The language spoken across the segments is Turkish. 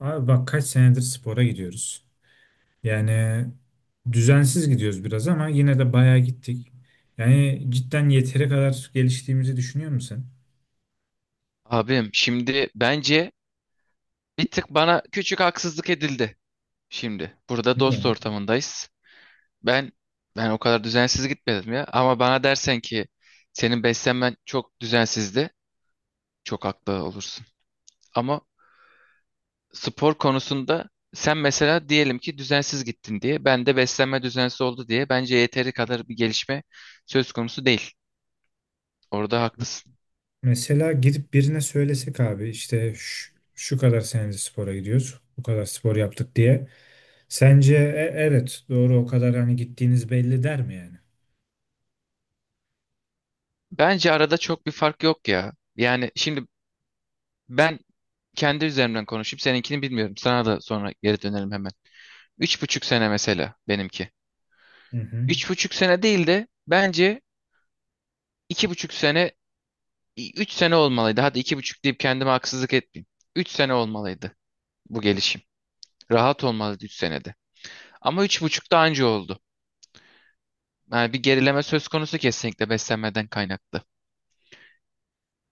Abi bak kaç senedir spora gidiyoruz. Yani düzensiz gidiyoruz biraz ama yine de bayağı gittik. Yani cidden yeteri kadar geliştiğimizi düşünüyor musun? Abim şimdi bence bir tık bana küçük haksızlık edildi. Şimdi burada dost Niye? ortamındayız. Ben ben o kadar düzensiz gitmedim ya. Ama bana dersen ki senin beslenmen çok düzensizdi. Çok haklı olursun. Ama spor konusunda sen mesela diyelim ki düzensiz gittin diye. Ben de beslenme düzensiz oldu diye. Bence yeteri kadar bir gelişme söz konusu değil. Orada Ya, haklısın. mesela gidip birine söylesek abi işte şu, şu kadar senedir spora gidiyoruz. Bu kadar spor yaptık diye. Sence "E, evet doğru o kadar hani gittiğiniz belli" der mi yani? Bence arada çok bir fark yok ya. Yani şimdi ben kendi üzerimden konuşup seninkini bilmiyorum. Sana da sonra geri dönelim hemen. 3,5 sene mesela benimki. Hı hı. 3,5 sene değil de bence 2,5 sene, 3 sene olmalıydı. Hadi 2,5 deyip kendime haksızlık etmeyeyim. 3 sene olmalıydı bu gelişim. Rahat olmalıydı 3 senede. Ama 3,5 da anca oldu. Yani bir gerileme söz konusu kesinlikle beslenmeden kaynaklı.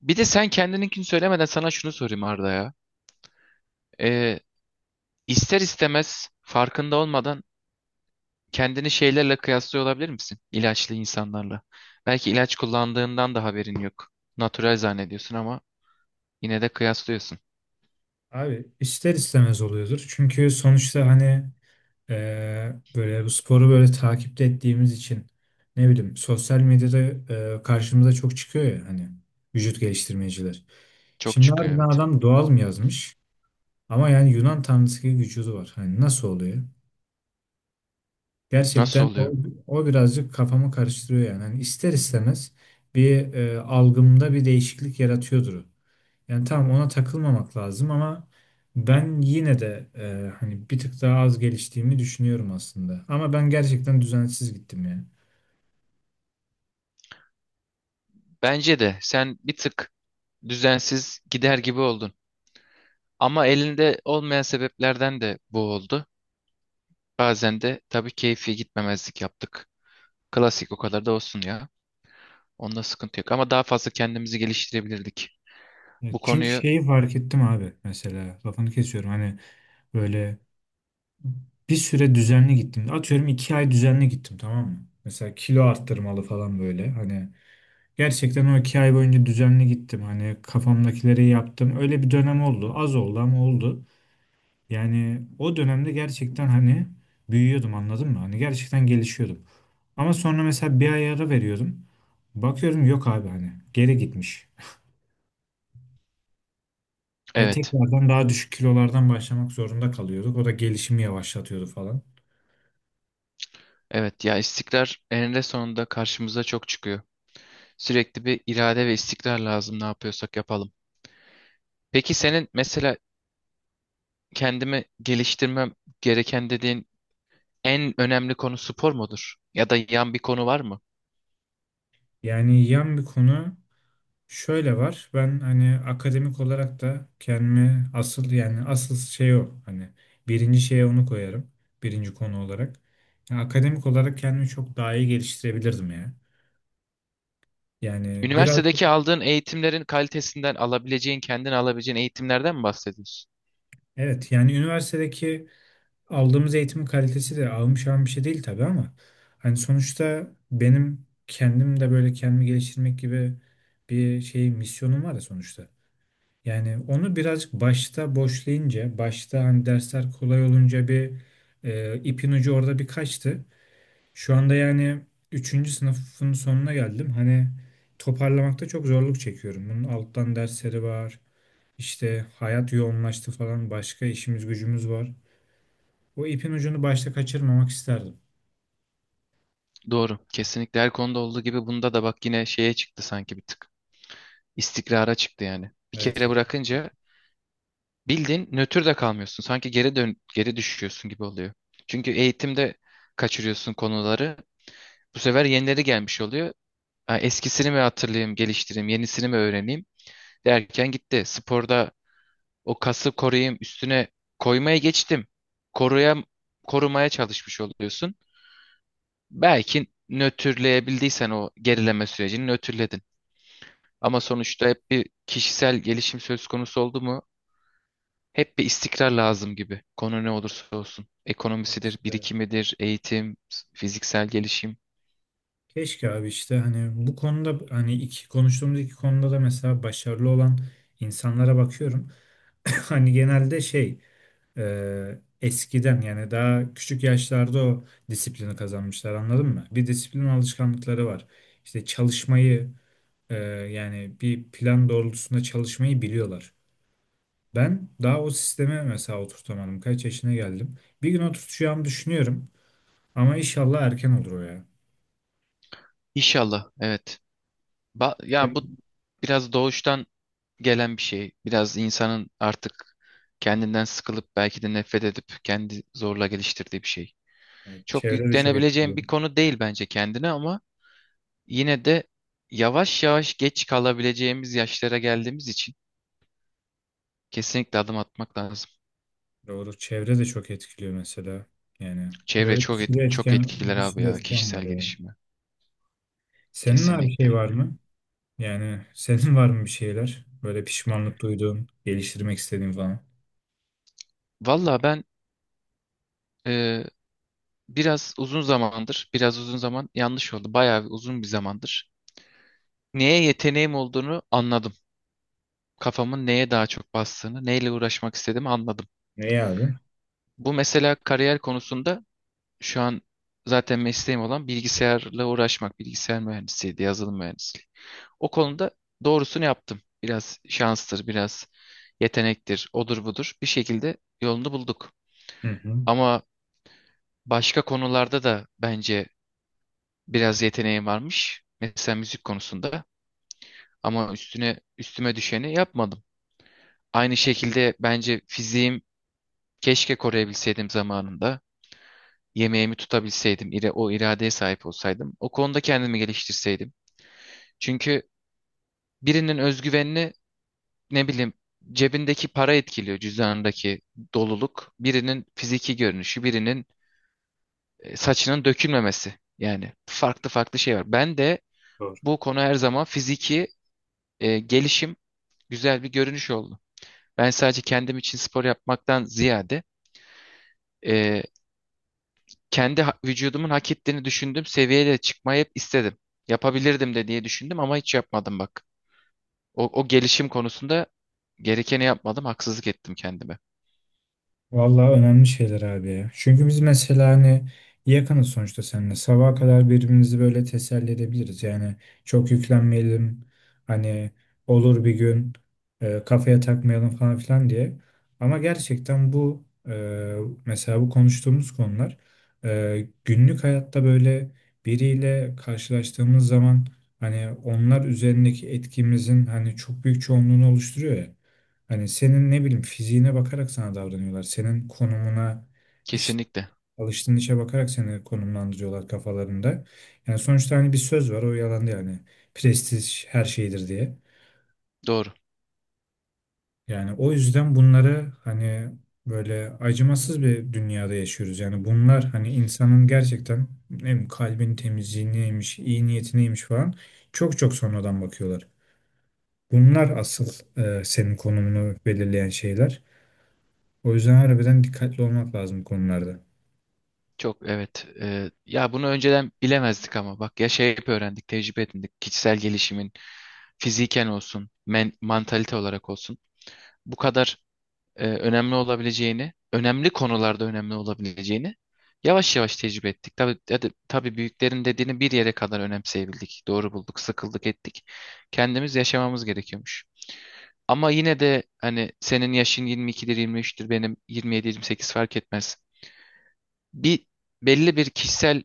Bir de sen kendininkini söylemeden sana şunu sorayım Arda ya. Ee, ister istemez farkında olmadan kendini şeylerle kıyaslıyor olabilir misin? İlaçlı insanlarla. Belki ilaç kullandığından da haberin yok. Natural zannediyorsun ama yine de kıyaslıyorsun. Abi ister istemez oluyordur. Çünkü sonuçta hani böyle bu sporu böyle takipte ettiğimiz için ne bileyim sosyal medyada karşımıza çok çıkıyor ya hani vücut geliştirmeciler. Çok Şimdi çıkıyor, harbiden evet. adam doğal mı yazmış? Ama yani Yunan tanrısı gibi vücudu var. Hani nasıl oluyor? Nasıl Gerçekten oluyor? o birazcık kafamı karıştırıyor yani. Hani ister istemez bir algımda bir değişiklik yaratıyordur o. Yani tamam ona takılmamak lazım ama ben yine de hani bir tık daha az geliştiğimi düşünüyorum aslında. Ama ben gerçekten düzensiz gittim yani. Bence de sen bir tık düzensiz gider gibi oldun. Ama elinde olmayan sebeplerden de bu oldu. Bazen de tabii keyfi gitmemezlik yaptık. Klasik o kadar da olsun ya. Onda sıkıntı yok. Ama daha fazla kendimizi geliştirebilirdik. Bu Evet, çünkü konuyu şeyi fark ettim abi, mesela lafını kesiyorum hani, böyle bir süre düzenli gittim. Atıyorum iki ay düzenli gittim, tamam mı? Mesela kilo arttırmalı falan, böyle hani gerçekten o iki ay boyunca düzenli gittim. Hani kafamdakileri yaptım, öyle bir dönem oldu, az oldu ama oldu. Yani o dönemde gerçekten hani büyüyordum, anladın mı? Hani gerçekten gelişiyordum. Ama sonra mesela bir ay ara veriyordum. Bakıyorum yok abi, hani geri gitmiş. Ve evet. tekrardan daha düşük kilolardan başlamak zorunda kalıyorduk. O da gelişimi yavaşlatıyordu falan. Evet ya, istikrar eninde sonunda karşımıza çok çıkıyor. Sürekli bir irade ve istikrar lazım ne yapıyorsak yapalım. Peki senin mesela kendimi geliştirmem gereken dediğin en önemli konu spor mudur? Ya da yan bir konu var mı? Yani yan bir konu şöyle var. Ben hani akademik olarak da kendimi asıl, yani asıl şey o. Hani birinci şeye onu koyarım. Birinci konu olarak. Yani akademik olarak kendimi çok daha iyi geliştirebilirdim ya. Yani biraz Üniversitedeki aldığın eğitimlerin kalitesinden alabileceğin, kendin alabileceğin eğitimlerden mi bahsediyorsun? evet, yani üniversitedeki aldığımız eğitimin kalitesi de ahım şahım bir şey değil tabii ama hani sonuçta benim kendim de böyle kendimi geliştirmek gibi bir şey misyonum var ya sonuçta. Yani onu birazcık başta boşlayınca, başta hani dersler kolay olunca bir ipin ucu orada bir kaçtı. Şu anda yani üçüncü sınıfın sonuna geldim. Hani toparlamakta çok zorluk çekiyorum. Bunun alttan dersleri var. İşte hayat yoğunlaştı falan, başka işimiz gücümüz var. O ipin ucunu başta kaçırmamak isterdim. Doğru. Kesinlikle her konuda olduğu gibi bunda da bak yine şeye çıktı sanki bir tık. İstikrara çıktı yani. Bir Evet kere ki. bırakınca bildiğin nötr de kalmıyorsun. Sanki geri düşüyorsun gibi oluyor. Çünkü eğitimde kaçırıyorsun konuları. Bu sefer yenileri gelmiş oluyor. Ha, eskisini mi hatırlayayım, geliştireyim, yenisini mi öğreneyim derken gitti. Sporda o kası koruyayım, üstüne koymaya geçtim. Koruya, korumaya çalışmış oluyorsun. Belki nötrleyebildiysen o gerileme sürecini nötrledin. Ama sonuçta hep bir kişisel gelişim söz konusu oldu mu? Hep bir istikrar lazım gibi. Konu ne olursa olsun. Ekonomisidir, İşte. birikimidir, eğitim, fiziksel gelişim. Keşke abi, işte hani bu konuda hani iki konuştuğumuz iki konuda da mesela başarılı olan insanlara bakıyorum. Hani genelde şey, eskiden yani daha küçük yaşlarda o disiplini kazanmışlar, anladın mı? Bir disiplin alışkanlıkları var. İşte çalışmayı, e, yani bir plan doğrultusunda çalışmayı biliyorlar. Ben daha o sisteme mesela oturtamadım. Kaç yaşına geldim. Bir gün oturtacağımı düşünüyorum. Ama inşallah erken olur o ya. İnşallah, evet. Ba ya, Evet, bu biraz doğuştan gelen bir şey. Biraz insanın artık kendinden sıkılıp belki de nefret edip kendi zorla geliştirdiği bir şey. yani Çok çevre de çok yüklenebileceğim etkiliyor. bir konu değil bence kendine, ama yine de yavaş yavaş geç kalabileceğimiz yaşlara geldiğimiz için kesinlikle adım atmak lazım. Doğru. Çevre de çok etkiliyor mesela. Yani Çevre böyle bir çok et- sürü çok etken, etkiler bir abi sürü ya etken var kişisel ya. gelişimi. Senin abi şey Kesinlikle. var mı? Yani senin var mı bir şeyler? Böyle pişmanlık duyduğun, geliştirmek istediğin falan. Valla ben, e, biraz uzun zamandır, biraz uzun zaman yanlış oldu. Bayağı bir uzun bir zamandır neye yeteneğim olduğunu anladım. Kafamın neye daha çok bastığını, neyle uğraşmak istediğimi anladım. Ne abi? Bu mesela kariyer konusunda şu an zaten mesleğim olan bilgisayarla uğraşmak, bilgisayar mühendisiydi, yazılım mühendisliği. O konuda doğrusunu yaptım. Biraz şanstır, biraz yetenektir, odur budur. Bir şekilde yolunu bulduk. Hı hı. Ama başka konularda da bence biraz yeteneğim varmış. Mesela müzik konusunda ama üstüne üstüme düşeni yapmadım. Aynı şekilde bence fiziğim. Keşke koruyabilseydim zamanında. Yemeğimi tutabilseydim, o iradeye sahip olsaydım. O konuda kendimi geliştirseydim. Çünkü birinin özgüvenini ne bileyim cebindeki para etkiliyor, cüzdanındaki doluluk. Birinin fiziki görünüşü, birinin saçının dökülmemesi. Yani farklı farklı şey var. Ben de bu konu her zaman fiziki gelişim güzel bir görünüş oldu. Ben sadece kendim için spor yapmaktan ziyade e, kendi vücudumun hak ettiğini düşündüğüm seviyeye çıkmayı hep istedim. Yapabilirdim de diye düşündüm ama hiç yapmadım bak. O gelişim konusunda gerekeni yapmadım, haksızlık ettim kendime. Vallahi önemli şeyler abi ya. Çünkü biz mesela hani yakınız sonuçta seninle. Sabaha kadar birbirimizi böyle teselli edebiliriz. Yani çok yüklenmeyelim. Hani olur bir gün, kafaya takmayalım falan filan diye. Ama gerçekten bu mesela bu konuştuğumuz konular, günlük hayatta böyle biriyle karşılaştığımız zaman hani onlar üzerindeki etkimizin hani çok büyük çoğunluğunu oluşturuyor ya. Hani senin ne bileyim fiziğine bakarak sana davranıyorlar. Senin konumuna, işte Kesinlikle. alıştığın işe bakarak seni konumlandırıyorlar kafalarında. Yani sonuçta hani bir söz var, o yalan değil yani. Prestij her şeydir diye. Doğru. Yani o yüzden bunları hani böyle acımasız bir dünyada yaşıyoruz. Yani bunlar hani insanın gerçekten ne bileyim kalbin temizliğineymiş, iyi niyetineymiş falan çok çok sonradan bakıyorlar. Bunlar asıl senin konumunu belirleyen şeyler. O yüzden harbiden dikkatli olmak lazım bu konularda. Çok, evet. Ya bunu önceden bilemezdik ama bak ya şey hep öğrendik, tecrübe edindik. Kişisel gelişimin fiziken olsun, mantalite olarak olsun. Bu kadar önemli olabileceğini, önemli konularda önemli olabileceğini yavaş yavaş tecrübe ettik. Tabii, tabii, tabii büyüklerin dediğini bir yere kadar önemseyebildik. Doğru bulduk, sıkıldık ettik. Kendimiz yaşamamız gerekiyormuş. Ama yine de hani senin yaşın 22'dir, 23'tür, benim 27-28 fark etmez. Bir belli bir kişisel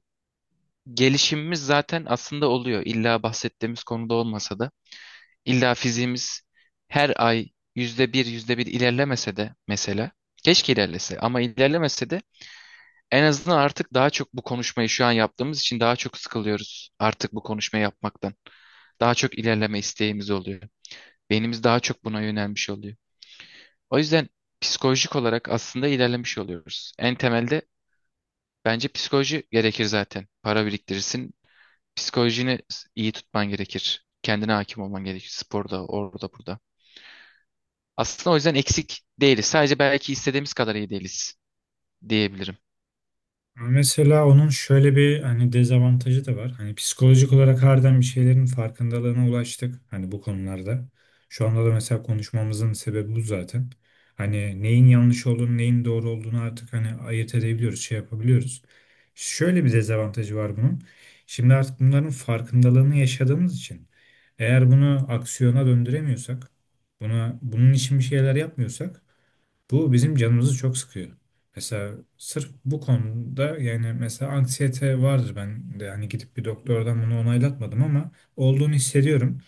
gelişimimiz zaten aslında oluyor. İlla bahsettiğimiz konuda olmasa da. İlla fiziğimiz her ay %1, yüzde bir ilerlemese de mesela, keşke ilerlese ama ilerlemese de en azından artık daha çok bu konuşmayı şu an yaptığımız için daha çok sıkılıyoruz artık bu konuşmayı yapmaktan. Daha çok ilerleme isteğimiz oluyor. Beynimiz daha çok buna yönelmiş oluyor. O yüzden psikolojik olarak aslında ilerlemiş oluyoruz. En temelde bence psikoloji gerekir zaten. Para biriktirirsin, psikolojini iyi tutman gerekir. Kendine hakim olman gerekir. Sporda, orada, burada. Aslında o yüzden eksik değiliz. Sadece belki istediğimiz kadar iyi değiliz diyebilirim. Ama mesela onun şöyle bir hani dezavantajı da var. Hani psikolojik olarak harbiden bir şeylerin farkındalığına ulaştık. Hani bu konularda. Şu anda da mesela konuşmamızın sebebi bu zaten. Hani neyin yanlış olduğunu, neyin doğru olduğunu artık hani ayırt edebiliyoruz, şey yapabiliyoruz. Şöyle bir dezavantajı var bunun. Şimdi artık bunların farkındalığını yaşadığımız için, eğer bunu aksiyona döndüremiyorsak, buna bunun için bir şeyler yapmıyorsak, bu bizim canımızı çok sıkıyor. Mesela sırf bu konuda, yani mesela anksiyete vardır ben de hani gidip bir doktordan bunu onaylatmadım ama olduğunu hissediyorum.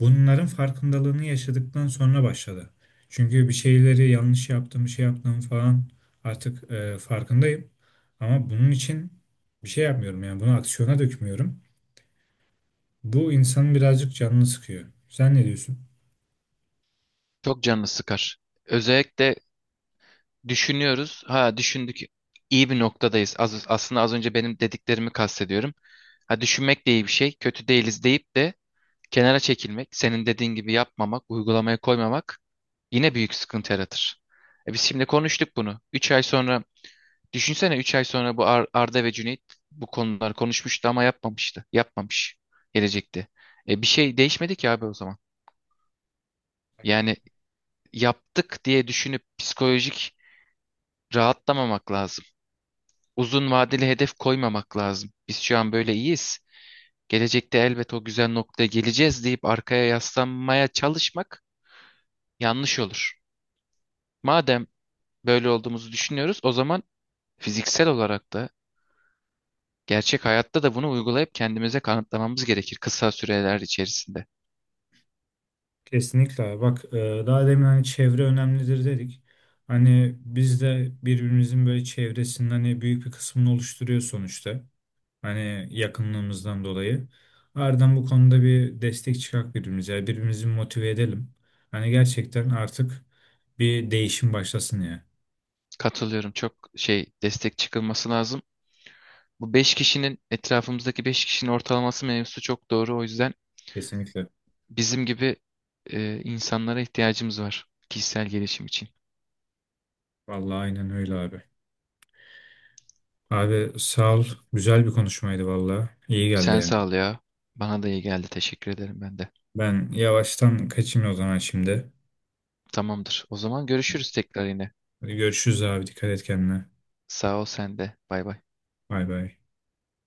Bunların farkındalığını yaşadıktan sonra başladı. Çünkü bir şeyleri yanlış yaptım, şey yaptım falan, artık farkındayım. Ama bunun için bir şey yapmıyorum, yani bunu aksiyona dökmüyorum. Bu insanın birazcık canını sıkıyor. Sen ne diyorsun? Çok canını sıkar. Özellikle düşünüyoruz. Ha, düşündük. İyi bir noktadayız. Aslında az önce benim dediklerimi kastediyorum. Ha, düşünmek de iyi bir şey. Kötü değiliz deyip de kenara çekilmek, senin dediğin gibi yapmamak, uygulamaya koymamak yine büyük sıkıntı yaratır. E, biz şimdi konuştuk bunu. 3 ay sonra düşünsene, 3 ay sonra bu Arda ve Cüneyt bu konuları konuşmuştu ama yapmamıştı. Yapmamış gelecekte. E, bir şey değişmedi ki abi o zaman. Yani yaptık diye düşünüp psikolojik rahatlamamak lazım. Uzun vadeli hedef koymamak lazım. Biz şu an böyle iyiyiz. Gelecekte elbet o güzel noktaya geleceğiz deyip arkaya yaslanmaya çalışmak yanlış olur. Madem böyle olduğumuzu düşünüyoruz, o zaman fiziksel olarak da gerçek hayatta da bunu uygulayıp kendimize kanıtlamamız gerekir kısa süreler içerisinde. Kesinlikle abi. Bak daha demin hani çevre önemlidir dedik. Hani biz de birbirimizin böyle çevresinin hani büyük bir kısmını oluşturuyor sonuçta. Hani yakınlığımızdan dolayı. Ardından bu konuda bir destek çıkak birbirimize. Yani birbirimizi motive edelim. Hani gerçekten artık bir değişim başlasın ya. Katılıyorum. Çok destek çıkılması lazım. Bu 5 kişinin etrafımızdaki 5 kişinin ortalaması mevzusu çok doğru. O yüzden Kesinlikle. bizim gibi insanlara ihtiyacımız var kişisel gelişim için. Vallahi aynen öyle abi. Abi sağ ol. Güzel bir konuşmaydı vallahi. İyi geldi Sen yani. sağ ol ya. Bana da iyi geldi. Teşekkür ederim ben de. Ben yavaştan kaçayım o zaman şimdi. Tamamdır. O zaman görüşürüz tekrar yine. Hadi görüşürüz abi. Dikkat et kendine. Sağ ol sen de. Bay bay. Bay bay.